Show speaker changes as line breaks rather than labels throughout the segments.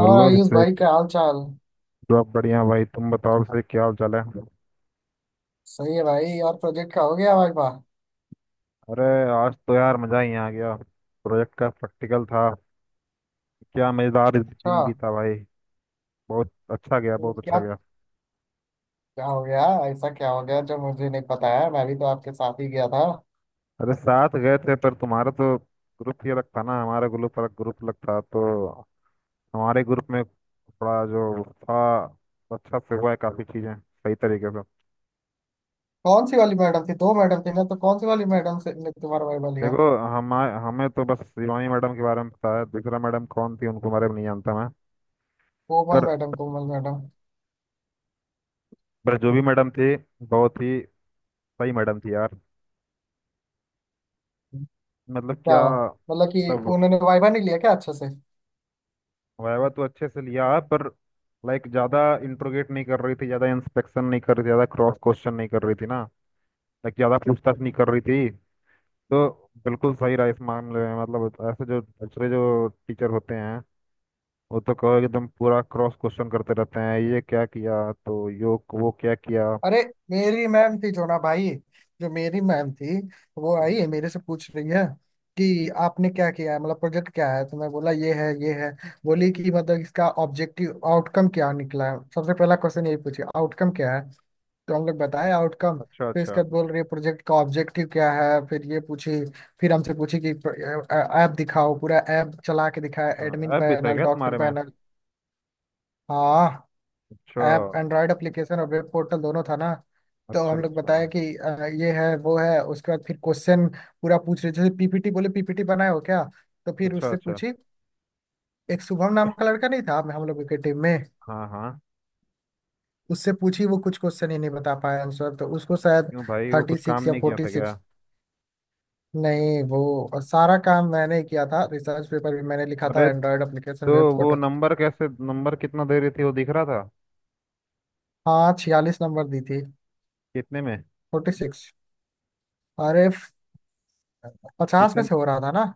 और आयुष भाई,
अभिषेक।
क्या हाल चाल।
सब बढ़िया भाई। तुम बताओ अभिषेक, क्या हाल चाल है?
सही है भाई। और प्रोजेक्ट का हो गया भाई? वाह,
अरे, आज तो यार मजा ही आ गया, प्रोजेक्ट का प्रैक्टिकल था। क्या मजेदार
अच्छा।
दिन बीता भाई। बहुत अच्छा गया,
तो
बहुत अच्छा
क्या?
गया।
क्या हो गया? ऐसा क्या हो गया जो मुझे नहीं पता है? मैं भी तो आपके साथ ही गया था।
अरे, साथ गए थे पर तुम्हारा तो ग्रुप ही अलग था ना। हमारा ग्रुप अलग, ग्रुप अलग था, तो हमारे ग्रुप में थोड़ा जो था अच्छा से हुआ है, काफी चीजें सही तरीके से।
कौन सी वाली मैडम थी? दो मैडम थी ना, तो कौन सी वाली मैडम से ने तुम्हारा वाइवा लिया?
देखो, हम हमें तो बस शिवानी मैडम के बारे में पता है। दूसरा मैडम कौन थी उनको बारे में नहीं जानता मैं।
कोमल
पर
मैडम, कोमल मैडम।
पर जो भी मैडम थी, बहुत ही सही मैडम थी यार। मतलब,
क्या
क्या
मतलब कि
मतलब।
उन्होंने वाइवा नहीं लिया क्या अच्छे से?
वायवा तो अच्छे से लिया है, पर लाइक ज़्यादा इंट्रोगेट नहीं कर रही थी, ज़्यादा इंस्पेक्शन नहीं कर रही थी, ज़्यादा क्रॉस क्वेश्चन नहीं कर रही थी ना। लाइक ज़्यादा पूछताछ नहीं कर रही थी, तो बिल्कुल सही रहा इस मामले में। मतलब, ऐसे जो दूसरे जो टीचर होते हैं वो तो कहो एकदम पूरा क्रॉस क्वेश्चन करते रहते हैं, ये क्या किया तो यो वो क्या किया।
अरे मेरी मैम थी जो ना भाई, जो मेरी मैम थी वो आई
हम्म।
है, मेरे से पूछ रही है कि आपने क्या किया है, मतलब प्रोजेक्ट क्या है। तो मैं बोला ये है ये है। बोली कि मतलब इसका ऑब्जेक्टिव आउटकम क्या निकला है। सबसे पहला क्वेश्चन यही पूछे, आउटकम क्या है। तो हम लोग बताए आउटकम।
अच्छा,
फिर
अच्छा।
इसके बाद बोल रही है प्रोजेक्ट का ऑब्जेक्टिव क्या है, फिर ये पूछी। फिर हमसे पूछी कि ऐप दिखाओ। पूरा ऐप चला के दिखाया, एडमिन
अच्छा ऐप भी था
पैनल,
क्या
डॉक्टर
तुम्हारे में?
पैनल। हाँ,
अच्छा
ऐप एंड्रॉयड एप्लीकेशन और वेब पोर्टल दोनों था ना। तो
अच्छा,
हम लोग
अच्छा।
बताया कि ये है वो है। उसके बाद फिर क्वेश्चन पूरा पूछ रहे, जैसे पीपीटी बोले, पीपीटी बनाए हो क्या। तो फिर
अच्छा,
उससे
अच्छा।
पूछी। एक शुभम नाम का लड़का नहीं था हम लोगों के टीम में,
हाँ हाँ।
उससे पूछी। वो कुछ क्वेश्चन ही नहीं बता पाया आंसर तो उसको शायद।
क्यों भाई, वो
थर्टी
कुछ काम
सिक्स या
नहीं किया
फोर्टी
था क्या?
सिक्स नहीं वो, और सारा काम मैंने ही किया था, रिसर्च पेपर भी मैंने लिखा था,
अरे,
एंड्रॉयड एप्लीकेशन,
तो
वेब
वो
पोर्टल।
नंबर कैसे, नंबर कितना दे रही थी वो दिख रहा था?
हाँ, 46 नंबर दी थी।
कितने में?
46। अरे, 50 में
कितने?
से हो रहा था ना।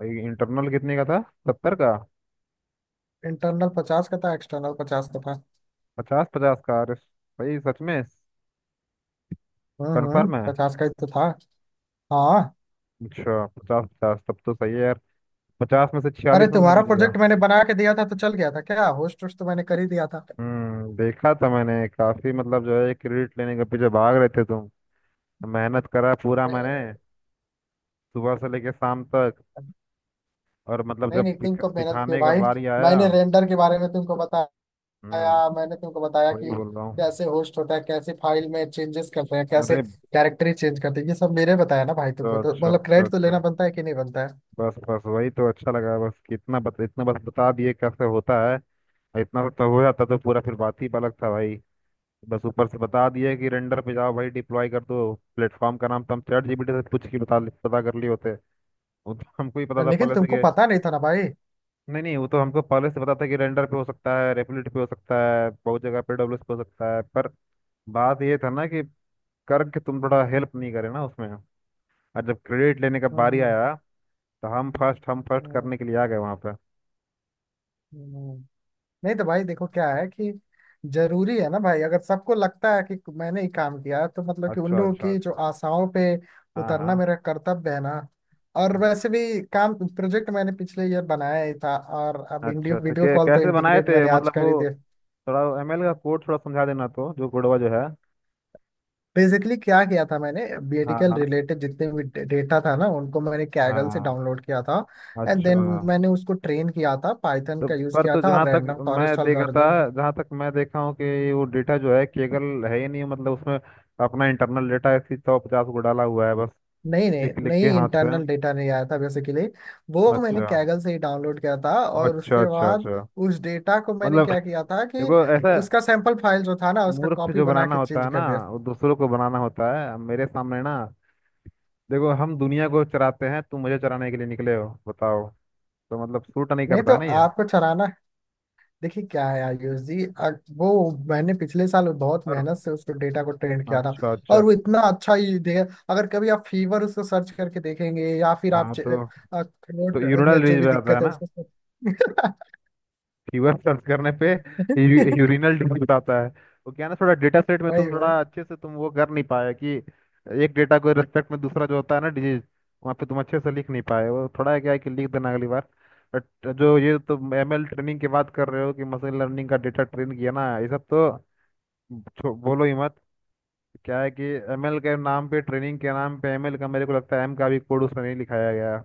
भाई इंटरनल कितने का था, 70 का?
इंटरनल 50 का था, एक्सटर्नल 50 का था।
पचास पचास का? अरे भाई, सच में? कंफर्म है?
50 का ही तो था। हाँ।
अच्छा, पचास पचास तब तो सही है यार। पचास में से
अरे
46 नंबर
तुम्हारा
मिल गया।
प्रोजेक्ट मैंने बना के दिया था तो चल गया था क्या? होस्ट वोस्ट तो मैंने कर ही दिया था।
देखा था मैंने काफी। मतलब जो है, क्रेडिट लेने के पीछे भाग रहे थे तुम। मेहनत करा पूरा मैंने,
ए,
सुबह से लेके शाम तक। और मतलब
नहीं
जब
नहीं, तुम
दिख,
कब मेहनत किए
दिखाने का
भाई?
बारी आया।
मैंने रेंडर के बारे में तुमको बताया।
हम्म
मैंने तुमको बताया
वही
कि
बोल रहा हूँ।
कैसे होस्ट होता है, कैसे फाइल में चेंजेस करते हैं, कैसे
अरे,
कैरेक्टर ही चेंज करते हैं। ये सब मेरे बताया ना भाई तुमको,
तो
तो
अच्छा,
मतलब
अच्छा,
क्रेडिट तो लेना
अच्छा।
बनता है कि नहीं बनता
बस बस वही तो अच्छा लगा, बस कि इतना बस बता दिए कैसे होता है। और इतना सब हो जाता तो पूरा फिर बात ही अलग था भाई। बस ऊपर से बता दिए कि रेंडर पे जाओ भाई, डिप्लॉय कर दो। प्लेटफॉर्म का नाम तो हम चैट जीपीटी से पूछ के बता, पता कर लिए होते। वो तो हमको ही पता
है?
था
लेकिन
पहले से
तुमको
कि।
पता नहीं था ना भाई।
नहीं नहीं, वो तो हमको पहले से पता था कि रेंडर पे हो सकता है, रेपलिट पे हो सकता है, बहुत जगह पे डब्ल्यूएस पे हो सकता है। पर बात ये था ना, कि करके तुम थोड़ा हेल्प नहीं करे ना उसमें। और जब क्रेडिट लेने का
हम्म
बारी
हम्म
आया, तो हम फर्स्ट
हम्म,
करने के लिए आ गए वहां पे।
हम्म। हम्म। नहीं तो भाई देखो, क्या है कि जरूरी है ना भाई। अगर सबको लगता है कि मैंने ही काम किया तो मतलब कि उन
अच्छा,
लोगों
अच्छा,
की जो
अच्छा।
आशाओं पे
हाँ
उतरना
हाँ।
मेरा कर्तव्य है ना। और वैसे भी काम प्रोजेक्ट मैंने पिछले ईयर बनाया ही था, और अब वीडियो
अच्छा, अच्छा,
वीडियो
कै,
कॉल तो
कैसे बनाए
इंटीग्रेट
थे
मैंने आज
मतलब
कर
वो?
ही दिया।
थोड़ा एमएल का कोड थोड़ा समझा देना, तो जो कोडवा जो है।
बेसिकली क्या किया था मैंने,
हाँ
मेडिकल
हाँ।
रिलेटेड जितने भी डेटा था ना उनको मैंने कैगल से
हाँ।
डाउनलोड किया था। एंड देन
अच्छा।
मैंने उसको ट्रेन किया था, पाइथन
तो
का यूज
पर
किया
तो
था,
जहाँ
और
तक
रैंडम
मैं
फॉरेस्ट
देखा था,
एल्गोरिदम।
जहाँ तक मैं देखा हूँ कि वो डेटा जो है केगल है ही नहीं। मतलब उसमें अपना इंटरनल डेटा ऐसी सौ पचास को डाला हुआ है बस,
नहीं नहीं
लिख लिख के
नहीं,
हाथ से।
इंटरनल डेटा नहीं आया था। बेसिकली वो मैंने
अच्छा,
कैगल से ही डाउनलोड किया था। और
अच्छा,
उसके
अच्छा।
बाद
अच्छा,
उस डेटा को मैंने
मतलब
क्या किया था कि
देखो, ऐसा
उसका सैंपल फाइल जो था ना उसका
मूर्ख
कॉपी
जो
बना
बनाना
के
होता
चेंज
है ना,
कर दिया।
वो दूसरों को बनाना होता है, अब मेरे सामने ना। देखो, हम दुनिया को चराते हैं, तुम मुझे चराने के लिए निकले हो, बताओ। तो मतलब सूट नहीं
नहीं
करता
तो
है ना ये।
आपको चलाना। देखिए क्या है आयुष जी, वो मैंने पिछले साल बहुत
और
मेहनत से उसको डेटा को ट्रेंड किया था।
अच्छा, अच्छा।
और वो इतना अच्छा ही दे। अगर कभी आप फीवर उसको सर्च करके देखेंगे, या फिर आप
हाँ,
च-,
तो तो
थ्रोट
यूरिनल
में जो
रिज
भी
पे आता है
दिक्कत है
ना,
उसको।
यूआर सर्च करने पे यूरिनल डिजीज आता है। तो क्या है ना, थोड़ा डेटा सेट में
वही
तुम
वही।
थोड़ा अच्छे से, तुम वो कर नहीं पाए कि एक डेटा को रिस्पेक्ट में दूसरा जो होता है ना डिजीज, वहाँ पे तुम अच्छे से लिख नहीं पाए। वो थोड़ा है, क्या है कि लिख देना अगली बार। बट जो ये तुम एमएल ट्रेनिंग की बात कर रहे हो कि मशीन लर्निंग का डेटा ट्रेन किया ना, ये सब तो बोलो ही मत। क्या है कि एमएल के नाम पे, ट्रेनिंग के नाम पे, एमएल का मेरे को लगता है एम का भी कोड उसमें नहीं लिखाया गया।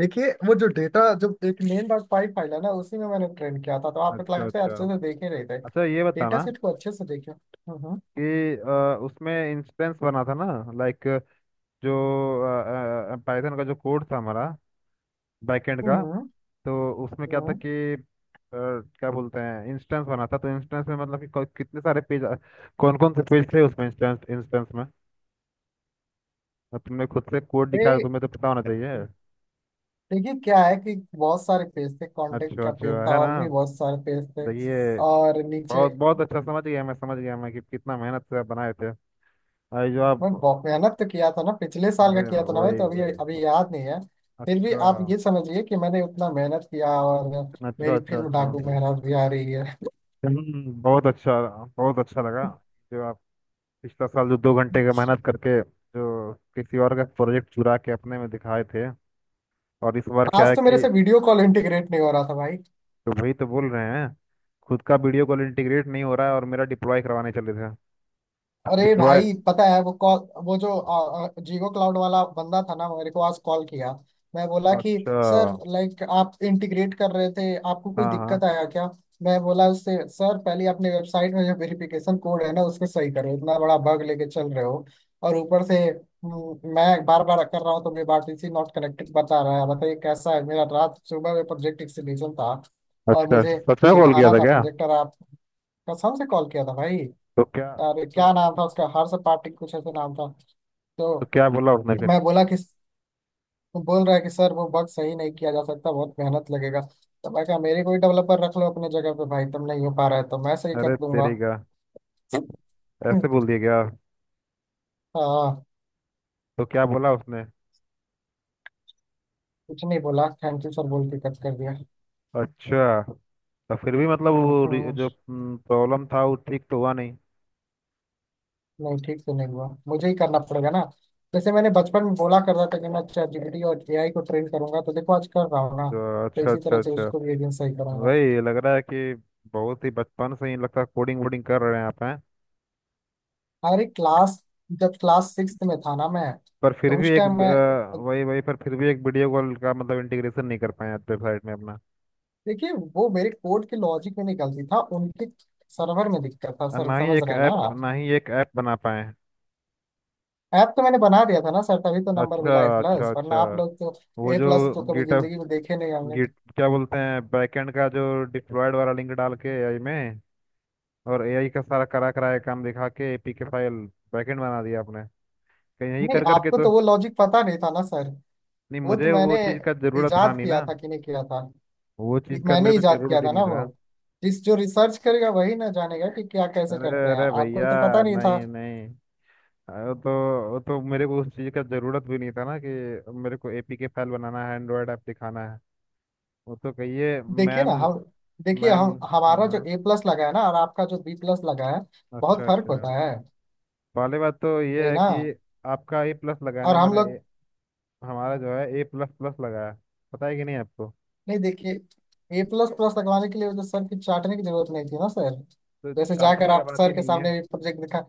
देखिए वो जो डेटा, जब एक मेन डॉट पाई फाइल है ना, उसी में मैंने ट्रेन किया था, तो आप एक
अच्छा,
लाइफ से
अच्छा,
अच्छे से देख ही रहे थे
अच्छा। ये
डेटा
बताना
सेट को, अच्छे से देखिए।
कि उसमें इंस्टेंस बना था ना। लाइक जो पाइथन का जो कोड था हमारा, बैकएंड का,
हम्म
तो उसमें क्या था
हम्म।
कि अ, क्या बोलते हैं, इंस्टेंस बना था, तो इंस्टेंस में मतलब कि कितने सारे पेज, कौन कौन से पेज थे उसमें, इंस्टेंस इंस्टेंस में? अब तुमने खुद से कोड दिखाया तो
अरे,
तुम्हें तो पता होना चाहिए।
देखिए क्या है कि बहुत सारे पेज थे, कांटेक्ट
अच्छा,
का पेज
अच्छा,
था,
है ना।
और भी बहुत सारे पेज थे,
देखिए,
और नीचे।
बहुत बहुत अच्छा। समझ गया मैं, समझ गया मैं कि कितना मेहनत से आप बनाए थे। अरे, जो आप।
मैं बहुत मेहनत तो किया था ना, पिछले साल का
अरे,
किया था ना भाई, तो
वही
अभी
वही।
अभी याद नहीं है। फिर भी
अच्छा,
आप ये समझिए कि मैंने उतना मेहनत किया, और
अच्छा,
मेरी
अच्छा।
फिल्म
अच्छा।
डाकू महाराज भी आ रही है।
बहुत अच्छा, बहुत अच्छा लगा जो आप पिछला साल जो 2 घंटे का मेहनत करके जो किसी और का प्रोजेक्ट चुरा के अपने में दिखाए थे। और इस बार क्या
आज
है
तो मेरे
कि
से वीडियो कॉल इंटीग्रेट नहीं हो रहा था भाई।
तो वही तो बोल रहे हैं। खुद का वीडियो कॉल इंटीग्रेट नहीं हो रहा है और मेरा डिप्लॉय करवाने चले थे।
अरे
डिप्लॉय।
भाई पता है, वो कॉल, वो जो आ, आ, जीगो क्लाउड वाला बंदा था ना, मेरे को आज कॉल किया। मैं बोला कि
अच्छा।
सर, लाइक आप इंटीग्रेट कर रहे थे, आपको कोई
हाँ
दिक्कत
हाँ।
आया क्या। मैं बोला उससे, सर पहले अपने वेबसाइट में जो वेरिफिकेशन कोड है ना उसको सही करो, इतना बड़ा बग लेके चल रहे हो। और ऊपर से मैं बार बार कर रहा हूँ तो मेरे बारटीसी नॉट कनेक्टेड बता रहा है। बताइए कैसा है, मेरा रात सुबह में प्रोजेक्ट एक्सीबिशन था, और
अच्छा,
मुझे
सच में कॉल किया
दिखाना
था
था
क्या?
प्रोजेक्ट। और आप, कसम से कॉल किया था भाई।
तो क्या?
अरे
तो,
क्या नाम था उसका, हर्ष पाटिल कुछ ऐसे नाम था। तो
तो क्या बोला उसने फिर?
मैं बोला कि, बोल रहा है कि सर वो बग सही नहीं किया जा सकता, बहुत मेहनत लगेगा। तो मैं कहा मेरे, कोई डेवलपर रख लो अपने जगह पे भाई, तुम नहीं हो पा रहा है तो मैं सही कर
अरे
दूंगा।
तेरी का। ऐसे बोल दिया क्या?
हाँ।
तो क्या बोला उसने?
कुछ नहीं बोला, थैंक यू सर बोल के कट कर दिया।
अच्छा। तो फिर भी मतलब वो
हम्म,
जो प्रॉब्लम था वो ठीक तो हुआ नहीं।
नहीं ठीक से नहीं हुआ, मुझे ही करना पड़ेगा ना। जैसे मैंने बचपन में बोला कर रहा था कि मैं चैट जीपीटी और एआई को ट्रेन करूंगा, तो देखो आज कर रहा हूँ ना।
तो
तो
अच्छा,
इसी
अच्छा,
तरह से
अच्छा।
उसको भी एक दिन सही करूंगा।
वही लग रहा है कि बहुत ही बचपन से ही लगता है कोडिंग वोडिंग कर रहे हैं आप हैं।
अरे क्लास, जब क्लास 6 में था ना मैं,
पर फिर
तो
भी
उस
एक
टाइम मैं।
वही वही। पर फिर भी एक वीडियो कॉल का मतलब इंटीग्रेशन नहीं कर पाए वेबसाइट में अपना।
देखिए वो मेरे कोड के लॉजिक में निकलती था, उनके सर्वर में दिक्कत था
और
सर,
ना ही
समझ
एक
रहे हैं ना
ऐप,
आप।
ना ही एक ऐप बना पाए।
ऐप तो मैंने बना दिया था ना सर, तभी तो नंबर
अच्छा,
मिला ए
अच्छा,
प्लस,
अच्छा।
वरना आप लोग तो।
वो
ए
जो
प्लस तो कभी
गिटअप,
जिंदगी में देखे नहीं हमने।
गिट क्या बोलते हैं, बैकएंड का जो डिप्लॉयड वाला लिंक डाल के एआई में, और एआई का सारा करा कराया काम दिखा के एपीके फाइल बैकएंड बना दिया आपने कहीं, यही
नहीं,
कर करके
आपको
तो?
तो वो लॉजिक पता नहीं था ना सर।
नहीं,
वो तो
मुझे वो
मैंने
चीज़ का जरूरत था
इजाद
नहीं
किया
ना।
था कि नहीं किया था।
वो
ये
चीज़ का
मैंने
मेरे को
इजाद किया
जरूरत ही
था
नहीं
ना
था।
वो। जिस जो रिसर्च करेगा वही ना जानेगा कि क्या कैसे
अरे,
करते हैं,
अरे
आपको
भैया।
तो पता नहीं था।
नहीं नहीं। अरे, तो वो तो मेरे को उस चीज़ का जरूरत भी नहीं था ना कि मेरे को एपीके फाइल बनाना है, एंड्रॉयड ऐप दिखाना है। वो तो कहिए
देखिए ना
मैम।
हम, देखिए
मैम।
हम,
हाँ
हमारा जो
हाँ।
ए प्लस लगा है ना और आपका जो बी प्लस लगा है, बहुत
अच्छा,
फर्क
अच्छा।
होता है।
पहली बात तो ये
वही
है
ना।
कि आपका ए प्लस लगा है
और
ना,
हम लोग,
हमारा जो है ए प्लस प्लस लगा है। पता है कि नहीं आपको?
नहीं देखिए, ए प्लस प्लस लगवाने के लिए वो तो सर की चाटने की जरूरत नहीं थी ना सर।
तो
जैसे जाकर
चाटने का
आप
बात ही
सर के
नहीं है।
सामने भी प्रोजेक्ट दिखा,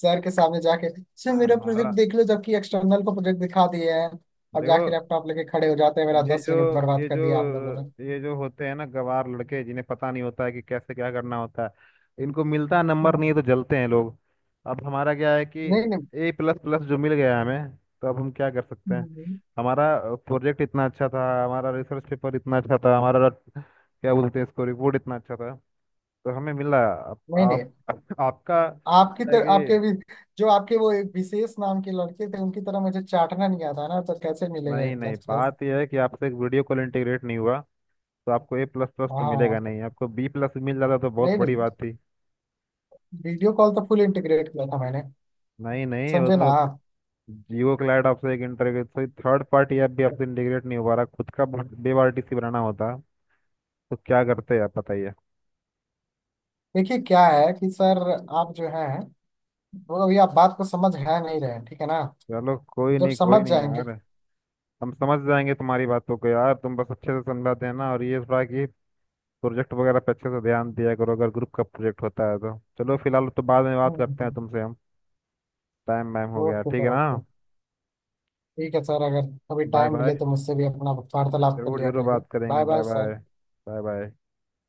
सर के सामने जाके सर मेरा प्रोजेक्ट
हमारा
देख लो, जबकि एक्सटर्नल को प्रोजेक्ट दिखा दिए हैं। और जाके
देखो,
लैपटॉप लेके खड़े हो जाते हैं, मेरा
ये
दस
जो,
मिनट
ये
बर्बाद कर
जो,
दिया आप लोगों ने।
ये जो होते हैं ना गवार लड़के जिन्हें पता नहीं होता है कि कैसे क्या करना होता है, इनको मिलता नंबर नहीं है तो जलते हैं लोग। अब हमारा क्या है कि
नहीं नहीं
ए प्लस प्लस जो मिल गया हमें, तो अब हम क्या कर सकते हैं।
नहीं
हमारा प्रोजेक्ट इतना अच्छा था, हमारा रिसर्च पेपर इतना अच्छा था, हमारा क्या बोलते हैं इसको, रिपोर्ट इतना अच्छा था, तो हमें मिला।
नहीं।
आप आपका
आपकी
क्या है
तर, आपके
कि
भी जो आपके वो एक विशेष नाम के लड़के थे उनकी तरह मुझे चाटना नहीं आता ना, तो कैसे मिलेगा ए
नहीं नहीं,
प्लस प्लस।
बात यह है कि आपसे एक वीडियो कॉल इंटीग्रेट नहीं हुआ, तो आपको ए प्लस प्लस तो मिलेगा
हाँ।
नहीं, आपको बी प्लस मिल जाता तो बहुत
नहीं
बड़ी
नहीं,
बात थी।
वीडियो कॉल तो फुल इंटीग्रेट किया था मैंने,
नहीं नहीं, वो
समझे ना
तो
आप।
जियो क्लाइड आपसे एक interview, sorry third party app भी आपसे इंटीग्रेट नहीं हो पा रहा, खुद का वेब आरटीसी बनाना होता तो क्या करते आप बताइए?
देखिए क्या है कि सर आप जो है वो अभी आप बात को समझ है नहीं रहे हैं, ठीक है ना।
चलो, कोई
जब
नहीं, कोई
समझ
नहीं यार।
जाएंगे।
हम समझ जाएंगे तुम्हारी बातों को यार, तुम बस अच्छे से समझाते हैं ना। और ये थोड़ा कि प्रोजेक्ट वगैरह पे अच्छे से ध्यान दिया करो अगर ग्रुप का प्रोजेक्ट होता है तो। चलो, फिलहाल तो बाद में बात
हम्म,
करते हैं
हम्म,
तुमसे हम, टाइम वाइम हो गया,
ओके
ठीक
सर,
है ना।
ओके। ठीक है सर, अगर कभी
बाय
टाइम मिले
बाय।
तो मुझसे भी अपना वार्तालाप कर
जरूर
लिया
जरूर
करिए।
बात करेंगे।
Bye
bye
bye
bye.
Sir.
Bye bye.